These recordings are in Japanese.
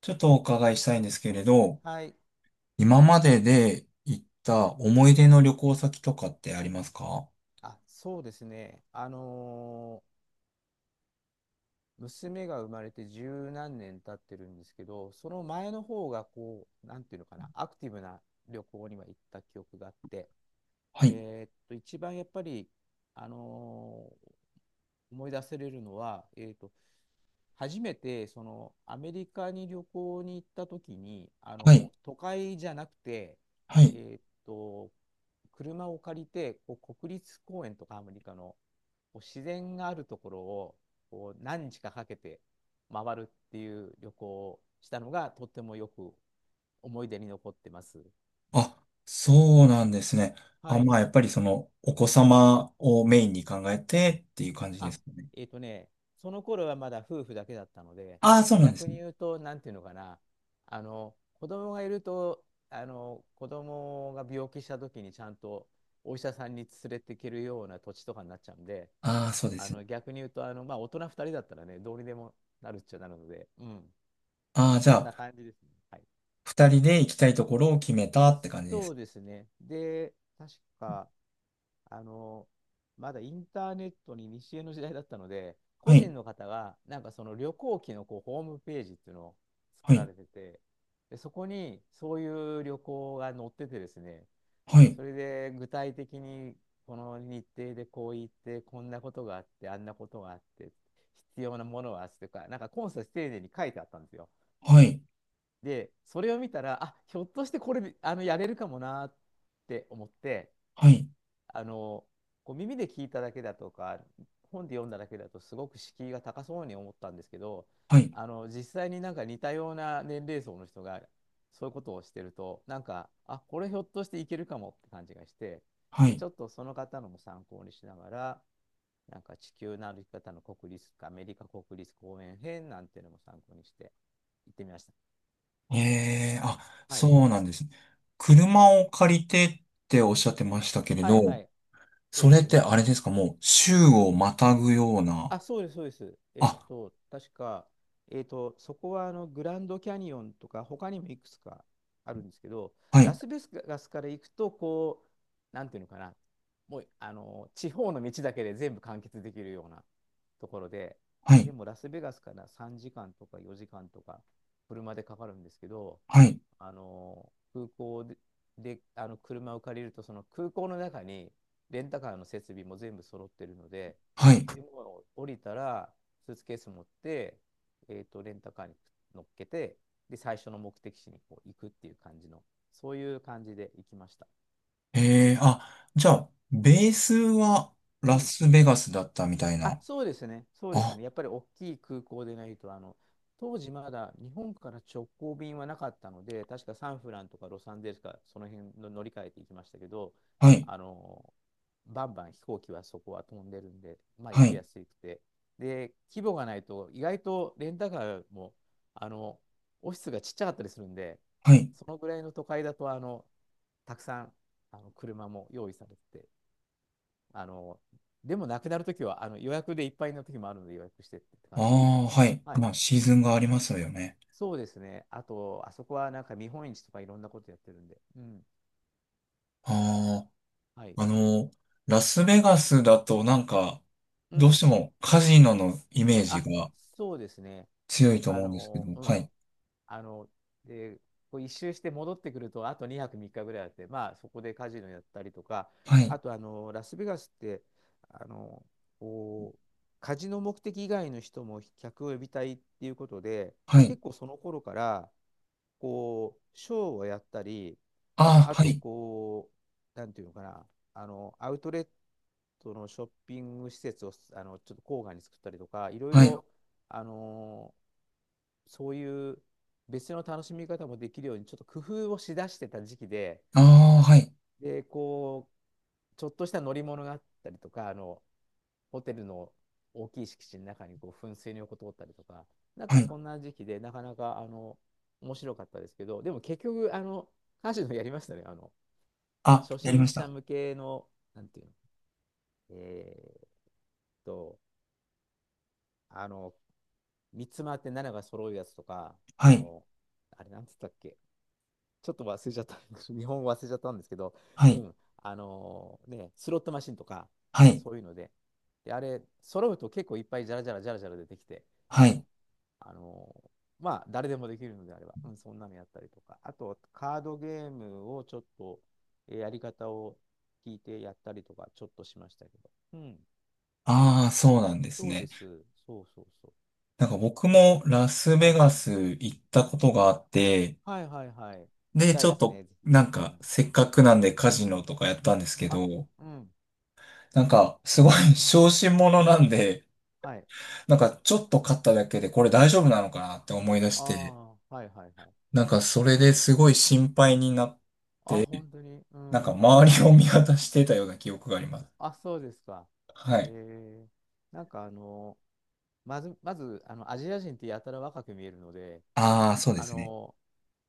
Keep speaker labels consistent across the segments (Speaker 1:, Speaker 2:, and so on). Speaker 1: ちょっとお伺いしたいんですけれど、
Speaker 2: はい。
Speaker 1: 今までで行った思い出の旅行先とかってありますか？
Speaker 2: あ、そうですね。娘が生まれて十何年経ってるんですけど、その前の方がこう、なんていうのかな、アクティブな旅行には行った記憶があって、
Speaker 1: は
Speaker 2: で、
Speaker 1: い、
Speaker 2: 一番やっぱり、あのー思い出せれるのは、初めてそのアメリカに旅行に行った時に、あ
Speaker 1: は
Speaker 2: の
Speaker 1: い、
Speaker 2: 都会じゃなくて、
Speaker 1: はい。
Speaker 2: えっと、車を借りてこう国立公園とかアメリカのこう自然があるところをこう何日かかけて回るっていう旅行をしたのがとってもよく思い出に残ってます。
Speaker 1: あ、そうなんですね。あ、
Speaker 2: はい。
Speaker 1: まあ、やっぱりその、お子様をメインに考えてっていう感じで
Speaker 2: あ、
Speaker 1: すかね。
Speaker 2: えっとね、その頃はまだ夫婦だけだったので、
Speaker 1: ああ、そうなんで
Speaker 2: 逆
Speaker 1: すね。
Speaker 2: に言うと、なんていうのかな、あの、子供がいると、あの、子供が病気した時にちゃんとお医者さんに連れていけるような土地とかになっちゃうんで、
Speaker 1: ああ、そうで
Speaker 2: あ
Speaker 1: すね。
Speaker 2: の、逆に言うと、あの、まあ、大人2人だったらね、どうにでもなるっちゃなるので、うん、
Speaker 1: ああ、じ
Speaker 2: そ
Speaker 1: ゃ
Speaker 2: んな
Speaker 1: あ、
Speaker 2: 感じですね。はい。
Speaker 1: 二人で行きたいところを決めたって感じで
Speaker 2: そう
Speaker 1: す。
Speaker 2: ですね。で、確か、あの、まだインターネットに西江の時代だったので、個
Speaker 1: はい、
Speaker 2: 人の方が、なんかその旅行記のこうホームページっていうのを
Speaker 1: は
Speaker 2: 作ら
Speaker 1: い、
Speaker 2: れてて、で、そこにそういう旅行が載っててですね、
Speaker 1: はい、
Speaker 2: それで具体的にこの日程でこう行って、こんなことがあって、あんなことがあって、必要なものはあってとか、なんかコンサス丁寧に書いてあったんですよ。
Speaker 1: はい、
Speaker 2: で、それを見たら、あ、ひょっとしてこれ、あの、やれるかもなって思って、
Speaker 1: はい、
Speaker 2: あの、こう耳で聞いただけだとか、本で読んだだけだと、すごく敷居が高そうに思ったんですけど、
Speaker 1: はい、
Speaker 2: あの、実際になんか似たような年齢層の人が、そういうことをしてると、なんか、あ、これひょっとしていけるかもって感じがして、
Speaker 1: は
Speaker 2: で、ち
Speaker 1: い。
Speaker 2: ょっとその方のも参考にしながら、なんか地球の歩き方の国立、アメリカ国立公園編なんていうのも参考にして行ってみました。
Speaker 1: ええ、あ、
Speaker 2: はい。
Speaker 1: そうなんですね。
Speaker 2: はい。
Speaker 1: 車を借りてっておっしゃってましたけれ
Speaker 2: は
Speaker 1: ど、
Speaker 2: いはい。え
Speaker 1: そ
Speaker 2: っ
Speaker 1: れっ
Speaker 2: と
Speaker 1: てあ
Speaker 2: ね、
Speaker 1: れですか、もう州をまたぐような。
Speaker 2: あ、そうです、そうです。えっ
Speaker 1: あ、
Speaker 2: と、確か、えっと、そこはあのグランドキャニオンとか、他にもいくつかあるんですけど、
Speaker 1: は
Speaker 2: ラ
Speaker 1: い、
Speaker 2: スベガスから行くと、こう、なんていうのかな、もう、あの、地方の道だけで全部完結できるようなところで、
Speaker 1: は
Speaker 2: で
Speaker 1: い、
Speaker 2: もラスベガスから3時間とか4時間とか、車でかかるんですけど、
Speaker 1: はい、
Speaker 2: あの、空港で、で、あの、車を借りると、その空港の中に、レンタカーの設備も全部揃ってるので、
Speaker 1: はい。
Speaker 2: でもう降りたら、スーツケース持って、レンタカーに乗っけて、で、最初の目的地にこう行くっていう感じの、そういう感じで行きました。
Speaker 1: ええ、あ、じゃあ、ベースは
Speaker 2: う
Speaker 1: ラ
Speaker 2: ん。
Speaker 1: スベガスだったみたい
Speaker 2: あ、
Speaker 1: な。
Speaker 2: そうですね、そうです
Speaker 1: あ、
Speaker 2: ね。やっぱり大きい空港でないと、あの、当時まだ日本から直行便はなかったので、確かサンフランとかロサンゼルスか、その辺の乗り換えていきましたけど、
Speaker 1: はい、
Speaker 2: あの、バンバン飛行機はそこは飛んでるんで、まあ行
Speaker 1: は
Speaker 2: き
Speaker 1: い、
Speaker 2: やすくて。で、規模がないと、意外とレンタカーも、あの、オフィスがちっちゃかったりするんで、
Speaker 1: はい。
Speaker 2: そのぐらいの都会だと、あの、たくさん、あの、車も用意されてて、あの、でもなくなるときは、あの予約でいっぱいのときもあるので予約してって
Speaker 1: あ
Speaker 2: 感じですね。
Speaker 1: あ、はい。
Speaker 2: はい。
Speaker 1: まあ、シーズンがありますよね。
Speaker 2: そうですね。あと、あそこはなんか見本市とかいろんなことやってるんで。うん。
Speaker 1: あ
Speaker 2: はい。
Speaker 1: あ、あの、ラスベガスだとなんか、
Speaker 2: う
Speaker 1: どうし
Speaker 2: ん。
Speaker 1: てもカジノのイメージ
Speaker 2: あ、
Speaker 1: が
Speaker 2: そうですね。
Speaker 1: 強いと
Speaker 2: あ
Speaker 1: 思うんですけ
Speaker 2: の、
Speaker 1: ど、
Speaker 2: う
Speaker 1: は
Speaker 2: ん。
Speaker 1: い、
Speaker 2: あの、で、こう一周して戻ってくると、あと2泊3日ぐらいあって、まあ、そこでカジノやったりとか、
Speaker 1: はい、
Speaker 2: あと、あの、ラスベガスって、あの、こう、カジノ目的以外の人も客を呼びたいっていうことで、
Speaker 1: はい、
Speaker 2: 結構その頃から、こう、ショーをやったり、
Speaker 1: ああ、
Speaker 2: あ
Speaker 1: は
Speaker 2: と、
Speaker 1: い、
Speaker 2: こう、なんていうのかな、あの、アウトレットのショッピング施設を、あの、ちょっと郊外に作ったりとか、いろい
Speaker 1: はい、
Speaker 2: ろ、あの、そういう、別の楽しみ方もできるように、ちょっと工夫をしだしてた時期で、
Speaker 1: ああ、はい、
Speaker 2: で、こう、ちょっとした乗り物があったりとか、あの、ホテルの大きい敷地の中にこう噴水の横通ったりとか、なんか
Speaker 1: はい、
Speaker 2: そんな時期で、なかなか、あの、面白かったですけど、でも結局、あの、カジノやりましたね。あの、
Speaker 1: あ、
Speaker 2: 初
Speaker 1: やり
Speaker 2: 心
Speaker 1: まし
Speaker 2: 者
Speaker 1: た。
Speaker 2: 向けの、なんていうの、えーっと、あの、三つ回って7が揃うやつとか、あ
Speaker 1: はい、
Speaker 2: の、あれなんつったっけ、ちょっと忘れちゃった。日本語忘れちゃったんですけど、
Speaker 1: は
Speaker 2: う
Speaker 1: い、
Speaker 2: ん。スロットマシンとか、
Speaker 1: はい、
Speaker 2: そういうので。で、あれ、揃うと結構いっぱいじゃらじゃらじゃらじゃら出てきて、う
Speaker 1: はい、
Speaker 2: ん。あのーまあ、誰でもできるのであれば、うん、そんなのやったりとか。あと、カードゲームをちょっと、えーやり方を聞いてやったりとか、ちょっとしましたけど。うん。
Speaker 1: ああ、そうなんです
Speaker 2: そうで
Speaker 1: ね。
Speaker 2: す。そうそうそう。
Speaker 1: なんか僕もラス
Speaker 2: は
Speaker 1: ベ
Speaker 2: い。
Speaker 1: ガス行ったことがあって、
Speaker 2: はいはいはい。し
Speaker 1: で、
Speaker 2: た
Speaker 1: ち
Speaker 2: い
Speaker 1: ょ
Speaker 2: で
Speaker 1: っ
Speaker 2: す
Speaker 1: と、
Speaker 2: ね、ぜひ。
Speaker 1: なん
Speaker 2: う
Speaker 1: か、
Speaker 2: ん。
Speaker 1: せっかくなんでカジノとかやったんですけ
Speaker 2: あ、
Speaker 1: ど、
Speaker 2: うん。
Speaker 1: なんか、すごい 小心者なんで、
Speaker 2: はい。
Speaker 1: なんか、ちょっと勝っただけで、これ大丈夫なのかなって思い出し
Speaker 2: あ
Speaker 1: て、
Speaker 2: あ、はいはいはい。
Speaker 1: なんか、それですごい心配になっ
Speaker 2: あ、本当に。う
Speaker 1: なんか
Speaker 2: ん。
Speaker 1: 周りを見渡してたような記憶があります。
Speaker 2: あ、そうですか。
Speaker 1: は
Speaker 2: え
Speaker 1: い。
Speaker 2: ー、なんかあの、まず、あの、アジア人ってやたら若く見えるので、
Speaker 1: ああ、そうで
Speaker 2: あ
Speaker 1: すね。
Speaker 2: の、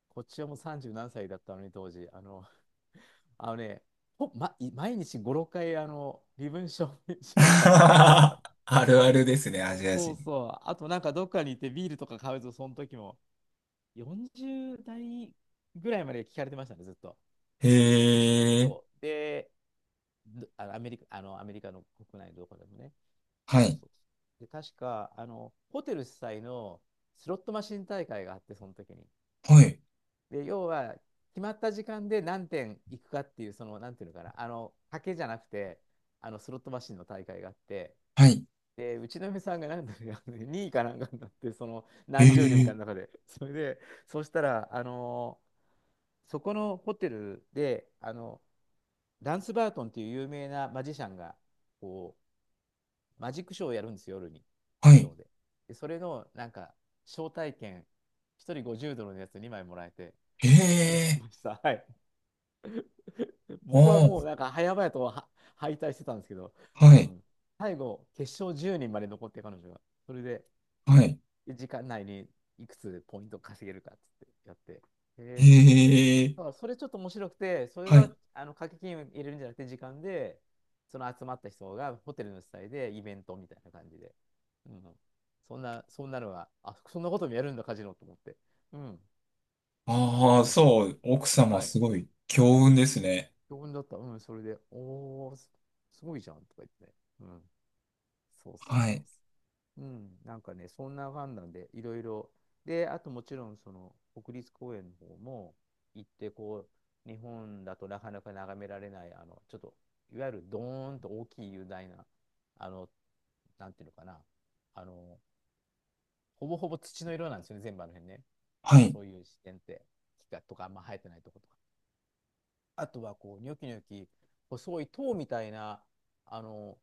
Speaker 2: こっちはもう30何歳だったのに、当時。あの、あのね、ほ、ま、い毎日5、6回、あの、身分証明 書 を確認された。
Speaker 1: あるあるですね、アジア
Speaker 2: そ
Speaker 1: 人。
Speaker 2: うそう。あと、なんかどっかに行ってビールとか買うと、その時も、40代ぐらいまで聞かれてましたね、ずっと。
Speaker 1: へえ。
Speaker 2: そう。で、あのアメリカの国内のどこでもね。
Speaker 1: は
Speaker 2: そう
Speaker 1: い。
Speaker 2: そうそうで、確か、あの、ホテル主催のスロットマシン大会があって、その時に。
Speaker 1: はい。
Speaker 2: で、要は、決まった時間で何点行くかっていう、その、なんていうのかな、あの、賭けじゃなくて、あの、スロットマシンの大会があって、
Speaker 1: はい。
Speaker 2: で、うちの嫁さんがなんだろう、2位かなんかになって、その、
Speaker 1: へ
Speaker 2: 何十人か
Speaker 1: え。
Speaker 2: の中で。それで、そうしたら、あの、そこのホテルで、あの、ダンス・バートンっていう有名なマジシャンが、こマジックショーをやるんですよ、夜に。
Speaker 1: は
Speaker 2: シ
Speaker 1: い。
Speaker 2: ョーで。で、それの、なんか、招待券、1人50ドルのやつ2枚もらえて、
Speaker 1: へ
Speaker 2: 見に行き
Speaker 1: え。
Speaker 2: ました。はい。僕は
Speaker 1: お
Speaker 2: も
Speaker 1: ー。
Speaker 2: う、なんか、早々とは敗退してたんですけど、
Speaker 1: は
Speaker 2: う
Speaker 1: い。
Speaker 2: ん。最後、決勝10人まで残って、彼女が。それで、
Speaker 1: はい。
Speaker 2: 時間内にいくつポイント稼げるかっつってやって、へえーっつって
Speaker 1: へえ。
Speaker 2: そうそれちょっと面白くて、それ
Speaker 1: は
Speaker 2: は
Speaker 1: い。
Speaker 2: あの掛け金を入れるんじゃなくて、時間で、その集まった人がホテルの主催でイベントみたいな感じで。うん。そんな、そんなのは、あ、そんなこともやるんだ、カジノと思って。うん。結
Speaker 1: あ
Speaker 2: 構
Speaker 1: あ、
Speaker 2: 面白かっ
Speaker 1: そう、奥
Speaker 2: た。
Speaker 1: 様
Speaker 2: はい。
Speaker 1: すごい強運ですね。
Speaker 2: 興奮だった。うん、それで、おー、すすごいじゃんとか言ってね。うん。そうそう
Speaker 1: は
Speaker 2: そう
Speaker 1: い。
Speaker 2: そう。うん、なんかね、そんな感なんで、いろいろ。で、あともちろん、国立公園の方も行って、こう、日本だとなかなか眺められない、ちょっと、いわゆるドーンと大きい雄大な、あの、なんていうのかな、あの、ほぼほぼ土の色なんですよね、全部あの辺ね。
Speaker 1: はい。
Speaker 2: そういう自然って、木がとかあんま生えてないとことか。あとは、こう、ニョキニョキ、細い塔みたいな、あの、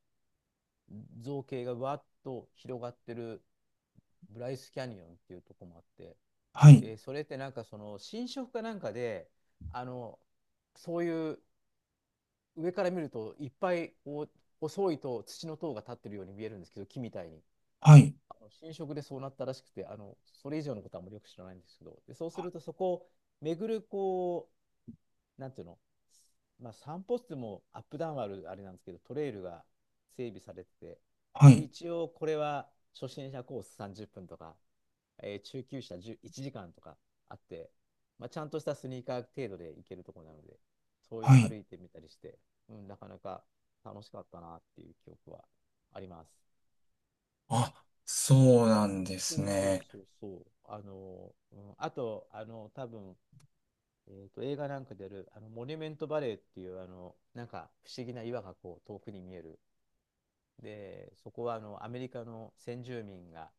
Speaker 2: 造形がわっと広がってるブライスキャニオンっていうとこもあって、
Speaker 1: はい。
Speaker 2: で、それってなんかその新色かなんかで、あの、そういう上から見るといっぱいこう細いと土の塔が立ってるように見えるんですけど、木みたいに。
Speaker 1: はい。
Speaker 2: 浸食でそうなったらしくて、それ以上のことはあんまりよく知らないんですけど、で、そうするとそこを巡るこう、なんていうの、まあ、散歩ってもアップダウンあるあれなんですけど、トレイルが整備されてて、
Speaker 1: は
Speaker 2: で、
Speaker 1: い。
Speaker 2: 一応これは初心者コース30分とか、中級者10 1時間とかあって、まあ、ちゃんとしたスニーカー程度で行けるところなので、そういう
Speaker 1: は
Speaker 2: の
Speaker 1: い。
Speaker 2: 歩いてみたりして、うん、なかなか楽しかったなっていう記憶はあります。
Speaker 1: あ、そうなんです
Speaker 2: そうそう
Speaker 1: ね。
Speaker 2: そうそう。うん、あと、多分、映画なんかである、モニュメントバレーっていう、なんか不思議な岩がこう遠くに見えるで、そこはアメリカの先住民が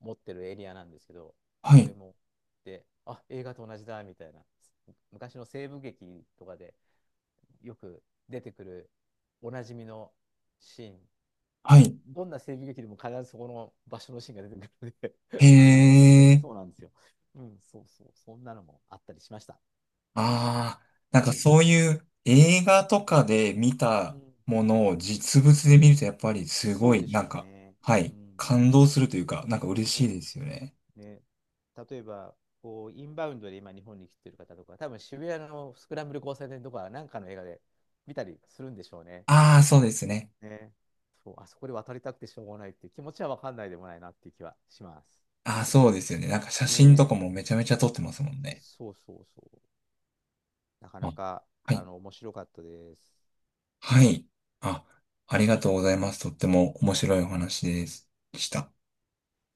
Speaker 2: 持ってるエリアなんですけど、
Speaker 1: は
Speaker 2: そ
Speaker 1: い。
Speaker 2: れも、で、あ、映画と同じだみたいな、昔の西部劇とかでよく出てくるおなじみのシーン、
Speaker 1: はい。
Speaker 2: どんな西部劇でも必ずそこの場所のシーンが出てくるの
Speaker 1: へ
Speaker 2: で
Speaker 1: え。
Speaker 2: そうなんですよ。うん、そうそう、そんなのもあったりしました。
Speaker 1: ああ、なん
Speaker 2: は
Speaker 1: か
Speaker 2: い。
Speaker 1: そういう映画とかで見
Speaker 2: う
Speaker 1: た
Speaker 2: ん、
Speaker 1: ものを実物で見るとやっぱりすご
Speaker 2: そう
Speaker 1: い、
Speaker 2: でし
Speaker 1: なん
Speaker 2: ょう
Speaker 1: か、
Speaker 2: ね。
Speaker 1: は
Speaker 2: う
Speaker 1: い、
Speaker 2: ん。
Speaker 1: 感動するというか、なんか嬉しいで
Speaker 2: ね、
Speaker 1: すよね。
Speaker 2: ね、例えば、こう、インバウンドで今日本に来てる方とか、多分渋谷のスクランブル交差点とか、なんかの映画で見たりするんでしょうね。
Speaker 1: ああ、そうですね。
Speaker 2: ね。そう、あそこで渡りたくてしょうがないっていう気持ちは分かんないでもないなっていう気はします。
Speaker 1: ああ、そうですよね。なんか写真と
Speaker 2: ね。
Speaker 1: かもめちゃめちゃ撮ってますもんね。
Speaker 2: そうそうそう。なか
Speaker 1: あ、
Speaker 2: なか、
Speaker 1: はい、
Speaker 2: 面白かったです。
Speaker 1: はい。あ、ありがとうございます。とっても面白いお話ですでした。